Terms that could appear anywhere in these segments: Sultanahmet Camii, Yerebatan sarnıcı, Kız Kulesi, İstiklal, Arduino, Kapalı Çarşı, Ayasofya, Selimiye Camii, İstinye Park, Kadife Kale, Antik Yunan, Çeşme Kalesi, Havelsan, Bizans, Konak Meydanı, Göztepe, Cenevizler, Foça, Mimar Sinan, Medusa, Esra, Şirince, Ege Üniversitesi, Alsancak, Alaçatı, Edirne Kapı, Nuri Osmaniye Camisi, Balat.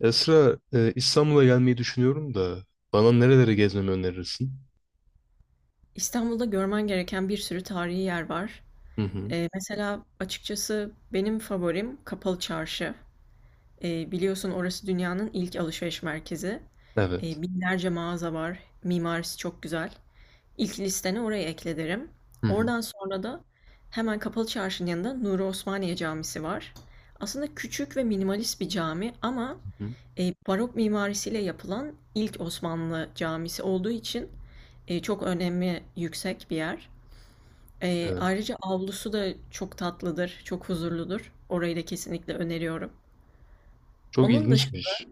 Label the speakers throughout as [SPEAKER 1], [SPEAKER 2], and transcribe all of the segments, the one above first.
[SPEAKER 1] Esra, İstanbul'a gelmeyi düşünüyorum da bana nereleri gezmemi önerirsin?
[SPEAKER 2] İstanbul'da görmen gereken bir sürü tarihi yer var.
[SPEAKER 1] Hı hı.
[SPEAKER 2] Mesela açıkçası benim favorim Kapalı Çarşı. Biliyorsun orası dünyanın ilk alışveriş merkezi.
[SPEAKER 1] Evet.
[SPEAKER 2] Binlerce mağaza var. Mimarisi çok güzel. İlk listene orayı ekle derim.
[SPEAKER 1] Hı hı.
[SPEAKER 2] Oradan sonra da hemen Kapalı Çarşı'nın yanında Nuri Osmaniye Camisi var. Aslında küçük ve minimalist bir cami ama
[SPEAKER 1] Hı hı.
[SPEAKER 2] barok mimarisiyle yapılan ilk Osmanlı camisi olduğu için çok önemi yüksek bir yer.
[SPEAKER 1] Evet.
[SPEAKER 2] Ayrıca avlusu da çok tatlıdır, çok huzurludur. Orayı da kesinlikle öneriyorum.
[SPEAKER 1] Çok
[SPEAKER 2] Onun dışında,
[SPEAKER 1] ilginçmiş.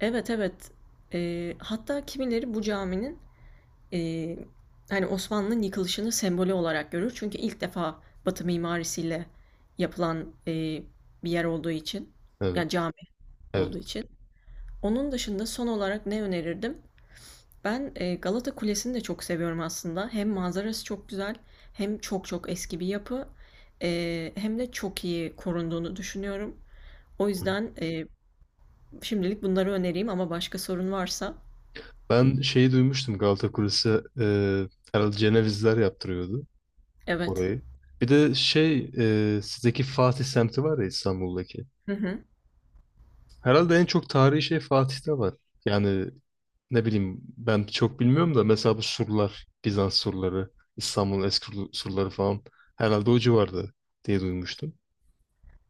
[SPEAKER 2] evet, evet. Hatta kimileri bu caminin, eee, hani, Osmanlı'nın yıkılışını sembolü olarak görür. Çünkü ilk defa Batı mimarisiyle yapılan, bir yer olduğu için,
[SPEAKER 1] Evet.
[SPEAKER 2] yani, cami olduğu
[SPEAKER 1] Evet.
[SPEAKER 2] için. Onun dışında son olarak ne önerirdim? Ben, Galata Kulesi'ni de çok seviyorum aslında. Hem manzarası çok güzel, hem çok çok eski bir yapı, hem de çok iyi korunduğunu düşünüyorum. O
[SPEAKER 1] Hı hı.
[SPEAKER 2] yüzden, şimdilik bunları önereyim ama başka sorun varsa
[SPEAKER 1] Ben şeyi duymuştum Galata Kulesi, e, herhalde Cenevizler yaptırıyordu
[SPEAKER 2] evet.
[SPEAKER 1] orayı. Bir de şey, sizdeki Fatih semti var ya, İstanbul'daki.
[SPEAKER 2] Hı hı.
[SPEAKER 1] Herhalde en çok tarihi şey Fatih'te var. Yani ne bileyim, ben çok bilmiyorum da mesela bu surlar, Bizans surları, İstanbul'un eski surları falan herhalde o civarda diye duymuştum.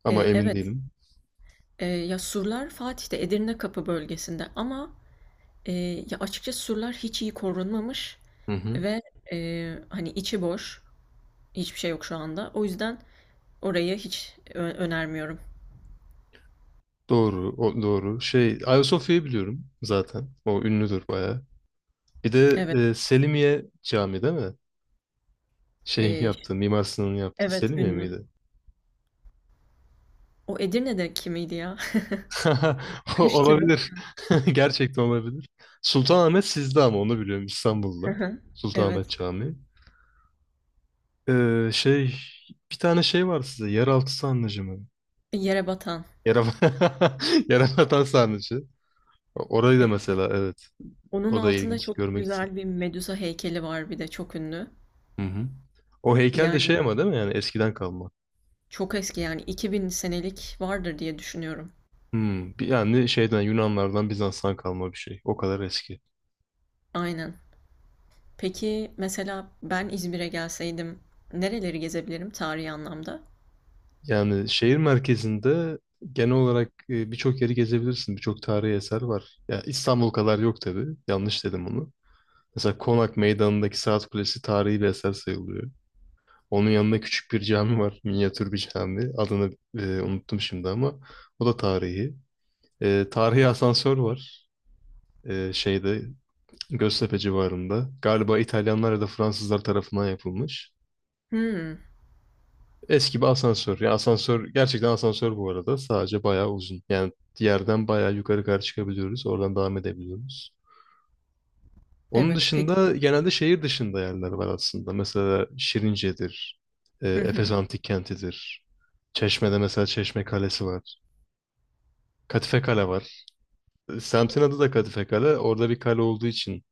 [SPEAKER 1] Ama emin
[SPEAKER 2] Evet.
[SPEAKER 1] değilim.
[SPEAKER 2] Ya surlar Fatih'te, Edirne Kapı bölgesinde ama, ya açıkçası surlar hiç iyi korunmamış
[SPEAKER 1] Hı hı.
[SPEAKER 2] ve, hani içi boş, hiçbir şey yok şu anda. O yüzden orayı hiç önermiyorum.
[SPEAKER 1] Doğru, o, doğru. Şey, Ayasofya'yı biliyorum zaten. O ünlüdür bayağı. Bir de
[SPEAKER 2] Evet.
[SPEAKER 1] Selimiye Camii değil mi? Şeyin
[SPEAKER 2] E,
[SPEAKER 1] yaptığı, Mimar Sinan'ın yaptığı
[SPEAKER 2] evet,
[SPEAKER 1] Selimiye
[SPEAKER 2] ünlü.
[SPEAKER 1] miydi?
[SPEAKER 2] O Edirne'deki miydi ya? Karıştırdım.
[SPEAKER 1] Olabilir. Gerçekten olabilir. Sultanahmet sizde ama onu biliyorum, İstanbul'da.
[SPEAKER 2] Hı hı. Evet.
[SPEAKER 1] Sultanahmet Camii. Şey, bir tane şey var size, yeraltı sarnıcı mı?
[SPEAKER 2] E, Yere batan.
[SPEAKER 1] Yere, Yerebatan sarnıcı. Orayı
[SPEAKER 2] E,
[SPEAKER 1] da mesela, evet,
[SPEAKER 2] onun
[SPEAKER 1] o da
[SPEAKER 2] altında
[SPEAKER 1] ilginç,
[SPEAKER 2] çok
[SPEAKER 1] görmek istedim.
[SPEAKER 2] güzel bir Medusa heykeli var bir de çok ünlü.
[SPEAKER 1] Hı hı. O heykel de şey
[SPEAKER 2] Yani
[SPEAKER 1] ama değil mi, yani eskiden kalma.
[SPEAKER 2] çok eski, yani 2000 senelik vardır diye düşünüyorum.
[SPEAKER 1] Hmm, yani şeyden, Yunanlardan, Bizans'tan kalma bir şey. O kadar eski.
[SPEAKER 2] Aynen. Peki mesela ben İzmir'e gelseydim nereleri gezebilirim tarihi anlamda?
[SPEAKER 1] Yani şehir merkezinde genel olarak birçok yeri gezebilirsin. Birçok tarihi eser var. Ya İstanbul kadar yok tabii. Yanlış dedim onu. Mesela Konak Meydanı'ndaki Saat Kulesi tarihi bir eser sayılıyor. Onun yanında küçük bir cami var. Minyatür bir cami. Adını unuttum şimdi ama o da tarihi. Tarihi asansör var. Şeyde Göztepe civarında. Galiba İtalyanlar ya da Fransızlar tarafından yapılmış.
[SPEAKER 2] Hmm,
[SPEAKER 1] Eski bir asansör. Yani asansör gerçekten asansör bu arada. Sadece bayağı uzun. Yani yerden bayağı yukarı kadar çıkabiliyoruz. Oradan devam edebiliyoruz. Onun
[SPEAKER 2] evet,
[SPEAKER 1] dışında
[SPEAKER 2] peki.
[SPEAKER 1] genelde şehir dışında yerler var aslında. Mesela Şirince'dir.
[SPEAKER 2] Hı
[SPEAKER 1] Efes
[SPEAKER 2] hı.
[SPEAKER 1] Antik Kenti'dir. Çeşme'de mesela Çeşme Kalesi var. Kadife Kale var. Semtin adı da Kadife Kale. Orada bir kale olduğu için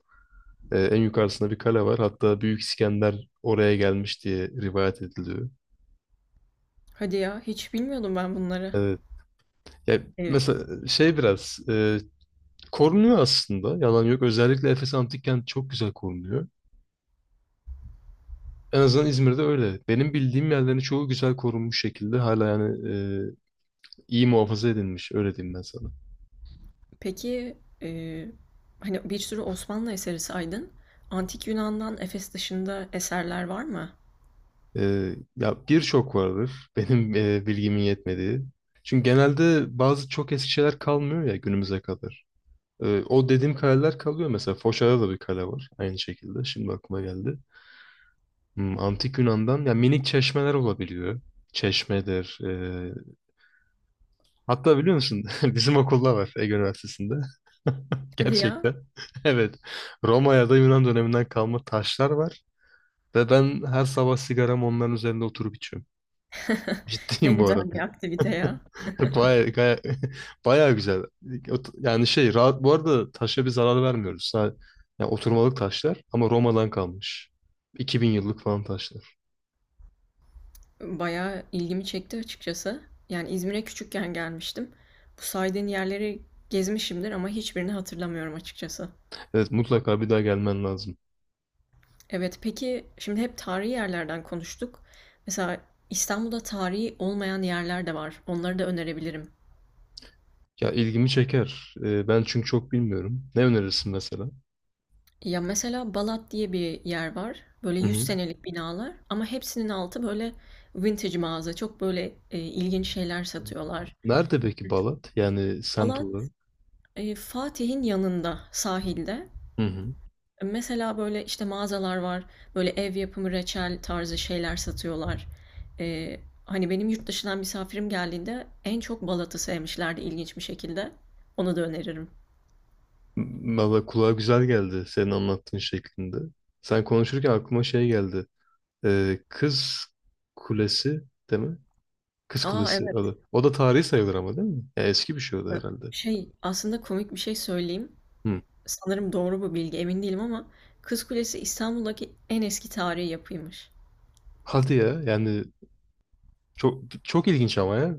[SPEAKER 1] en yukarısında bir kale var. Hatta Büyük İskender oraya gelmiş diye rivayet ediliyor.
[SPEAKER 2] Hadi ya, hiç bilmiyordum ben bunları.
[SPEAKER 1] Evet. Ya
[SPEAKER 2] E,
[SPEAKER 1] mesela şey biraz korunuyor aslında. Yalan yok. Özellikle Efes Antik Kent çok güzel korunuyor. En azından İzmir'de öyle. Benim bildiğim yerlerin çoğu güzel korunmuş şekilde hala, yani e, iyi muhafaza edilmiş. Öyle diyeyim ben sana.
[SPEAKER 2] peki, hani, bir sürü Osmanlı eseri saydın. Antik Yunan'dan Efes dışında eserler var mı?
[SPEAKER 1] Ya birçok vardır benim bilgimin yetmediği. Çünkü genelde bazı çok eski şeyler kalmıyor ya günümüze kadar. O dediğim kaleler kalıyor. Mesela Foça'da da bir kale var aynı şekilde. Şimdi aklıma geldi. Hmm, Antik Yunan'dan ya minik çeşmeler olabiliyor. Çeşmedir. Hatta biliyor musun, bizim okulda var, Ege Üniversitesi'nde.
[SPEAKER 2] Hadi ya.
[SPEAKER 1] Gerçekten. Evet. Roma ya da Yunan döneminden kalma taşlar var. Ve ben her sabah sigaramı onların üzerinde oturup içiyorum.
[SPEAKER 2] Ne
[SPEAKER 1] Ciddiyim bu.
[SPEAKER 2] güzel bir aktivite ya.
[SPEAKER 1] Baya, baya, baya güzel. Yani şey, rahat bu arada, taşa bir zarar vermiyoruz. Yani oturmalık taşlar ama Roma'dan kalmış. 2000 yıllık falan taşlar.
[SPEAKER 2] Bayağı ilgimi çekti açıkçası. Yani İzmir'e küçükken gelmiştim. Bu saydığın yerleri gezmişimdir ama hiçbirini hatırlamıyorum açıkçası.
[SPEAKER 1] Evet, mutlaka bir daha gelmen lazım.
[SPEAKER 2] Evet, peki, şimdi hep tarihi yerlerden konuştuk. Mesela İstanbul'da tarihi olmayan yerler de var. Onları da önerebilirim.
[SPEAKER 1] Ya, ilgimi çeker. Ben çünkü çok bilmiyorum. Ne önerirsin mesela?
[SPEAKER 2] Ya, mesela Balat diye bir yer var. Böyle
[SPEAKER 1] Hı
[SPEAKER 2] yüz
[SPEAKER 1] hı.
[SPEAKER 2] senelik binalar ama hepsinin altı böyle vintage mağaza. Çok böyle, ilginç şeyler satıyorlar.
[SPEAKER 1] Nerede peki Balat? Yani semt olarak.
[SPEAKER 2] Balat, Fatih'in yanında, sahilde.
[SPEAKER 1] Hı hı.
[SPEAKER 2] Mesela böyle, işte, mağazalar var. Böyle ev yapımı reçel tarzı şeyler satıyorlar. Eee, Hani, benim yurt dışından misafirim geldiğinde en çok Balat'ı sevmişlerdi ilginç bir şekilde. Onu da öneririm.
[SPEAKER 1] Valla kulağa güzel geldi senin anlattığın şeklinde. Sen konuşurken aklıma şey geldi. Kız Kulesi değil mi? Kız
[SPEAKER 2] A,
[SPEAKER 1] Kulesi
[SPEAKER 2] evet.
[SPEAKER 1] adı. O da tarihi sayılır ama, değil mi? Ya eski bir şey o da herhalde.
[SPEAKER 2] Şey, aslında komik bir şey söyleyeyim.
[SPEAKER 1] Hı.
[SPEAKER 2] Sanırım doğru bu bilgi, emin değilim ama Kız Kulesi İstanbul'daki en eski tarihi yapıymış.
[SPEAKER 1] Hadi ya, yani çok çok ilginç ama ya.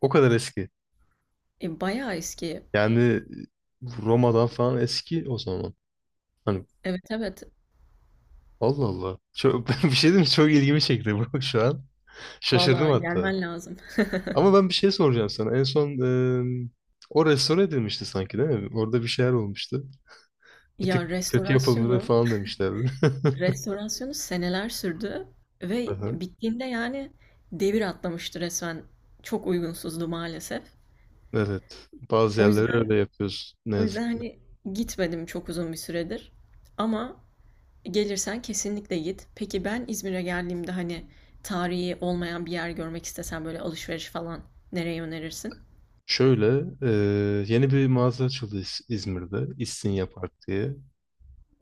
[SPEAKER 1] O kadar eski.
[SPEAKER 2] E, bayağı eski.
[SPEAKER 1] Yani Roma'dan falan eski o zaman. Hani
[SPEAKER 2] Evet, evet.
[SPEAKER 1] Allah Allah. Çok, bir şey diyeyim mi? Çok ilgimi çekti bu şu an. Şaşırdım
[SPEAKER 2] Vallahi
[SPEAKER 1] hatta.
[SPEAKER 2] gelmen lazım.
[SPEAKER 1] Ama ben bir şey soracağım sana. En son e, o restore edilmişti sanki, değil mi? Orada bir şeyler olmuştu. Bir tık
[SPEAKER 2] Ya
[SPEAKER 1] kötü yapılmadı falan demişlerdi.
[SPEAKER 2] restorasyonu seneler sürdü ve
[SPEAKER 1] Aha,
[SPEAKER 2] bittiğinde yani devir atlamıştı resmen. Çok uygunsuzdu maalesef.
[SPEAKER 1] evet. Bazı
[SPEAKER 2] O
[SPEAKER 1] yerleri
[SPEAKER 2] yüzden
[SPEAKER 1] öyle yapıyoruz ne
[SPEAKER 2] o yüzden
[SPEAKER 1] yazık ki.
[SPEAKER 2] hani gitmedim çok uzun bir süredir. Ama gelirsen kesinlikle git. Peki ben İzmir'e geldiğimde hani tarihi olmayan bir yer görmek istesem, böyle alışveriş falan nereye önerirsin?
[SPEAKER 1] Şöyle, yeni bir mağaza açıldı İzmir'de, İstinye Park diye,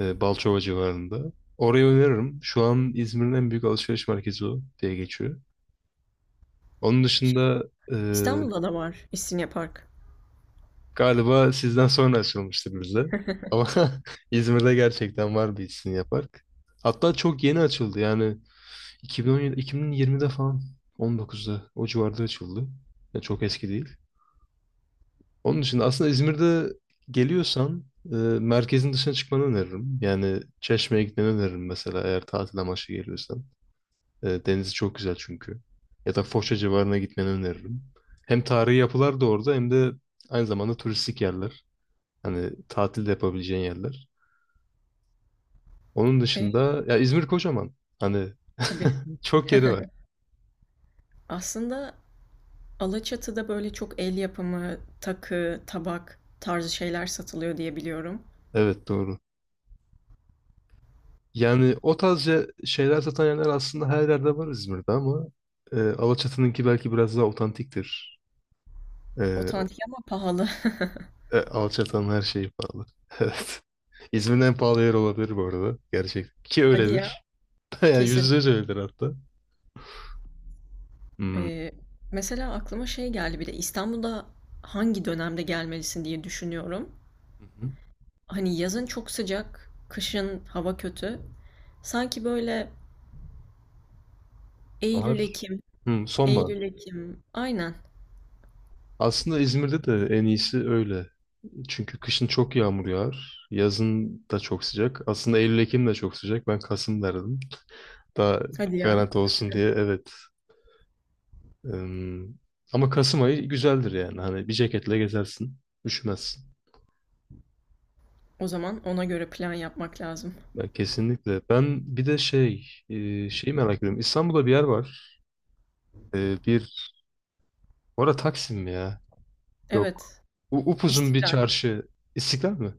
[SPEAKER 1] Balçova civarında. Orayı öneririm. Şu an İzmir'in en büyük alışveriş merkezi o diye geçiyor. Onun
[SPEAKER 2] Şey,
[SPEAKER 1] dışında e,
[SPEAKER 2] İstanbul'da da var İstinye Park.
[SPEAKER 1] galiba sizden sonra açılmıştır bizde. Ama İzmir'de gerçekten var bir İstinye Park. Hatta çok yeni açıldı yani, 2017, 2020'de falan, 19'da o civarda açıldı. Yani çok eski değil. Onun için aslında İzmir'de geliyorsan merkezin dışına çıkmanı öneririm. Yani Çeşme'ye gitmeni öneririm mesela, eğer tatil amaçlı geliyorsan. Denizi çok güzel çünkü. Ya da Foça civarına gitmeni öneririm. Hem tarihi yapılar da orada hem de aynı zamanda turistik yerler. Hani tatil de yapabileceğin yerler. Onun
[SPEAKER 2] E,
[SPEAKER 1] dışında ya, İzmir kocaman. Hani
[SPEAKER 2] tabii.
[SPEAKER 1] çok yeri var.
[SPEAKER 2] Aslında Alaçatı'da böyle çok el yapımı, takı, tabak tarzı şeyler satılıyor diye biliyorum.
[SPEAKER 1] Evet, doğru. Yani o tarz şeyler satan yerler aslında her yerde var İzmir'de ama Alaçatı'nınki belki biraz daha otantiktir. Ee,
[SPEAKER 2] Otantik ama pahalı.
[SPEAKER 1] Alçatan her şeyi pahalı. Evet. İzmir'in en pahalı yer olabilir bu arada. Gerçekten. Ki
[SPEAKER 2] Hadi ya.
[SPEAKER 1] öyledir. Yani
[SPEAKER 2] Kesin.
[SPEAKER 1] yüzde yüz öyledir hatta. Hmm. Hı
[SPEAKER 2] E, mesela aklıma şey geldi, bir de İstanbul'da hangi dönemde gelmelisin diye düşünüyorum.
[SPEAKER 1] hı.
[SPEAKER 2] Hani yazın çok sıcak, kışın hava kötü. Sanki böyle
[SPEAKER 1] Bahar.
[SPEAKER 2] Eylül Ekim,
[SPEAKER 1] Hmm, sonbahar.
[SPEAKER 2] Eylül Ekim. Aynen.
[SPEAKER 1] Aslında İzmir'de de en iyisi öyle. Çünkü kışın çok yağmur yağar. Yazın da çok sıcak. Aslında Eylül-Ekim de çok sıcak. Ben Kasım derdim. Daha
[SPEAKER 2] Hadi ya.
[SPEAKER 1] garanti olsun diye. Evet. Hmm. Ama Kasım ayı güzeldir yani. Hani bir ceketle gezersin. Üşümezsin.
[SPEAKER 2] O zaman ona göre plan yapmak lazım.
[SPEAKER 1] Ya, kesinlikle. Ben bir de şey, şeyi merak ediyorum. İstanbul'da bir yer var. E, bir, orada Taksim mi ya? Yok.
[SPEAKER 2] Evet.
[SPEAKER 1] Upuzun bir
[SPEAKER 2] İstiklal.
[SPEAKER 1] çarşı. İstiklal mi?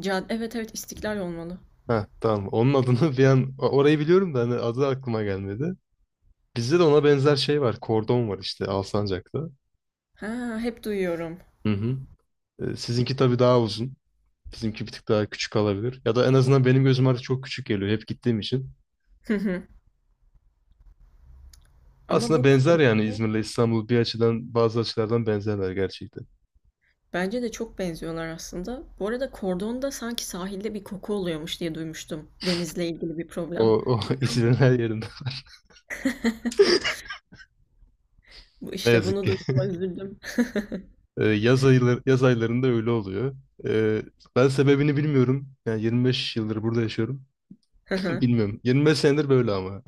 [SPEAKER 2] Evet, evet, İstiklal olmalı.
[SPEAKER 1] Ha, tamam. Onun adını bir an, orayı biliyorum da hani adı aklıma gelmedi. Bizde de ona benzer şey var. Kordon var işte, Alsancak'ta.
[SPEAKER 2] Ha, hep duyuyorum.
[SPEAKER 1] Hı hı. Sizinki tabii daha uzun. Bizimki bir tık daha küçük olabilir. Ya da en azından benim gözüm artık çok küçük geliyor hep gittiğim için.
[SPEAKER 2] Hı hı. Ama
[SPEAKER 1] Aslında
[SPEAKER 2] bu
[SPEAKER 1] benzer, yani
[SPEAKER 2] kordonda
[SPEAKER 1] İzmir'le İstanbul bir açıdan, bazı açılardan benzerler gerçekten.
[SPEAKER 2] bence de çok benziyorlar aslında. Bu arada kordonda sanki sahilde bir koku oluyormuş diye duymuştum. Denizle ilgili bir
[SPEAKER 1] O,
[SPEAKER 2] problem.
[SPEAKER 1] o
[SPEAKER 2] Doğru
[SPEAKER 1] İzmir'in
[SPEAKER 2] mu?
[SPEAKER 1] her yerinde.
[SPEAKER 2] Bu
[SPEAKER 1] Ne
[SPEAKER 2] işte,
[SPEAKER 1] yazık
[SPEAKER 2] bunu
[SPEAKER 1] ki.
[SPEAKER 2] duyduğuma üzüldüm.
[SPEAKER 1] Yaz aylarında öyle oluyor. Ee, Ben sebebini bilmiyorum. Yani 25 yıldır burada yaşıyorum. Bilmiyorum. 25 senedir böyle ama.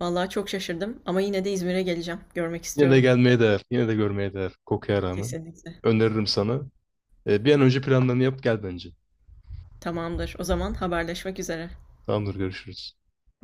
[SPEAKER 2] Vallahi çok şaşırdım ama yine de İzmir'e geleceğim. Görmek
[SPEAKER 1] Yine de
[SPEAKER 2] istiyorum.
[SPEAKER 1] gelmeye değer. Yine de görmeye değer. Kokuya rağmen.
[SPEAKER 2] Kesinlikle.
[SPEAKER 1] Öneririm sana. Bir an önce planlarını yap, gel bence.
[SPEAKER 2] Tamamdır. O zaman haberleşmek üzere.
[SPEAKER 1] Tamamdır, görüşürüz.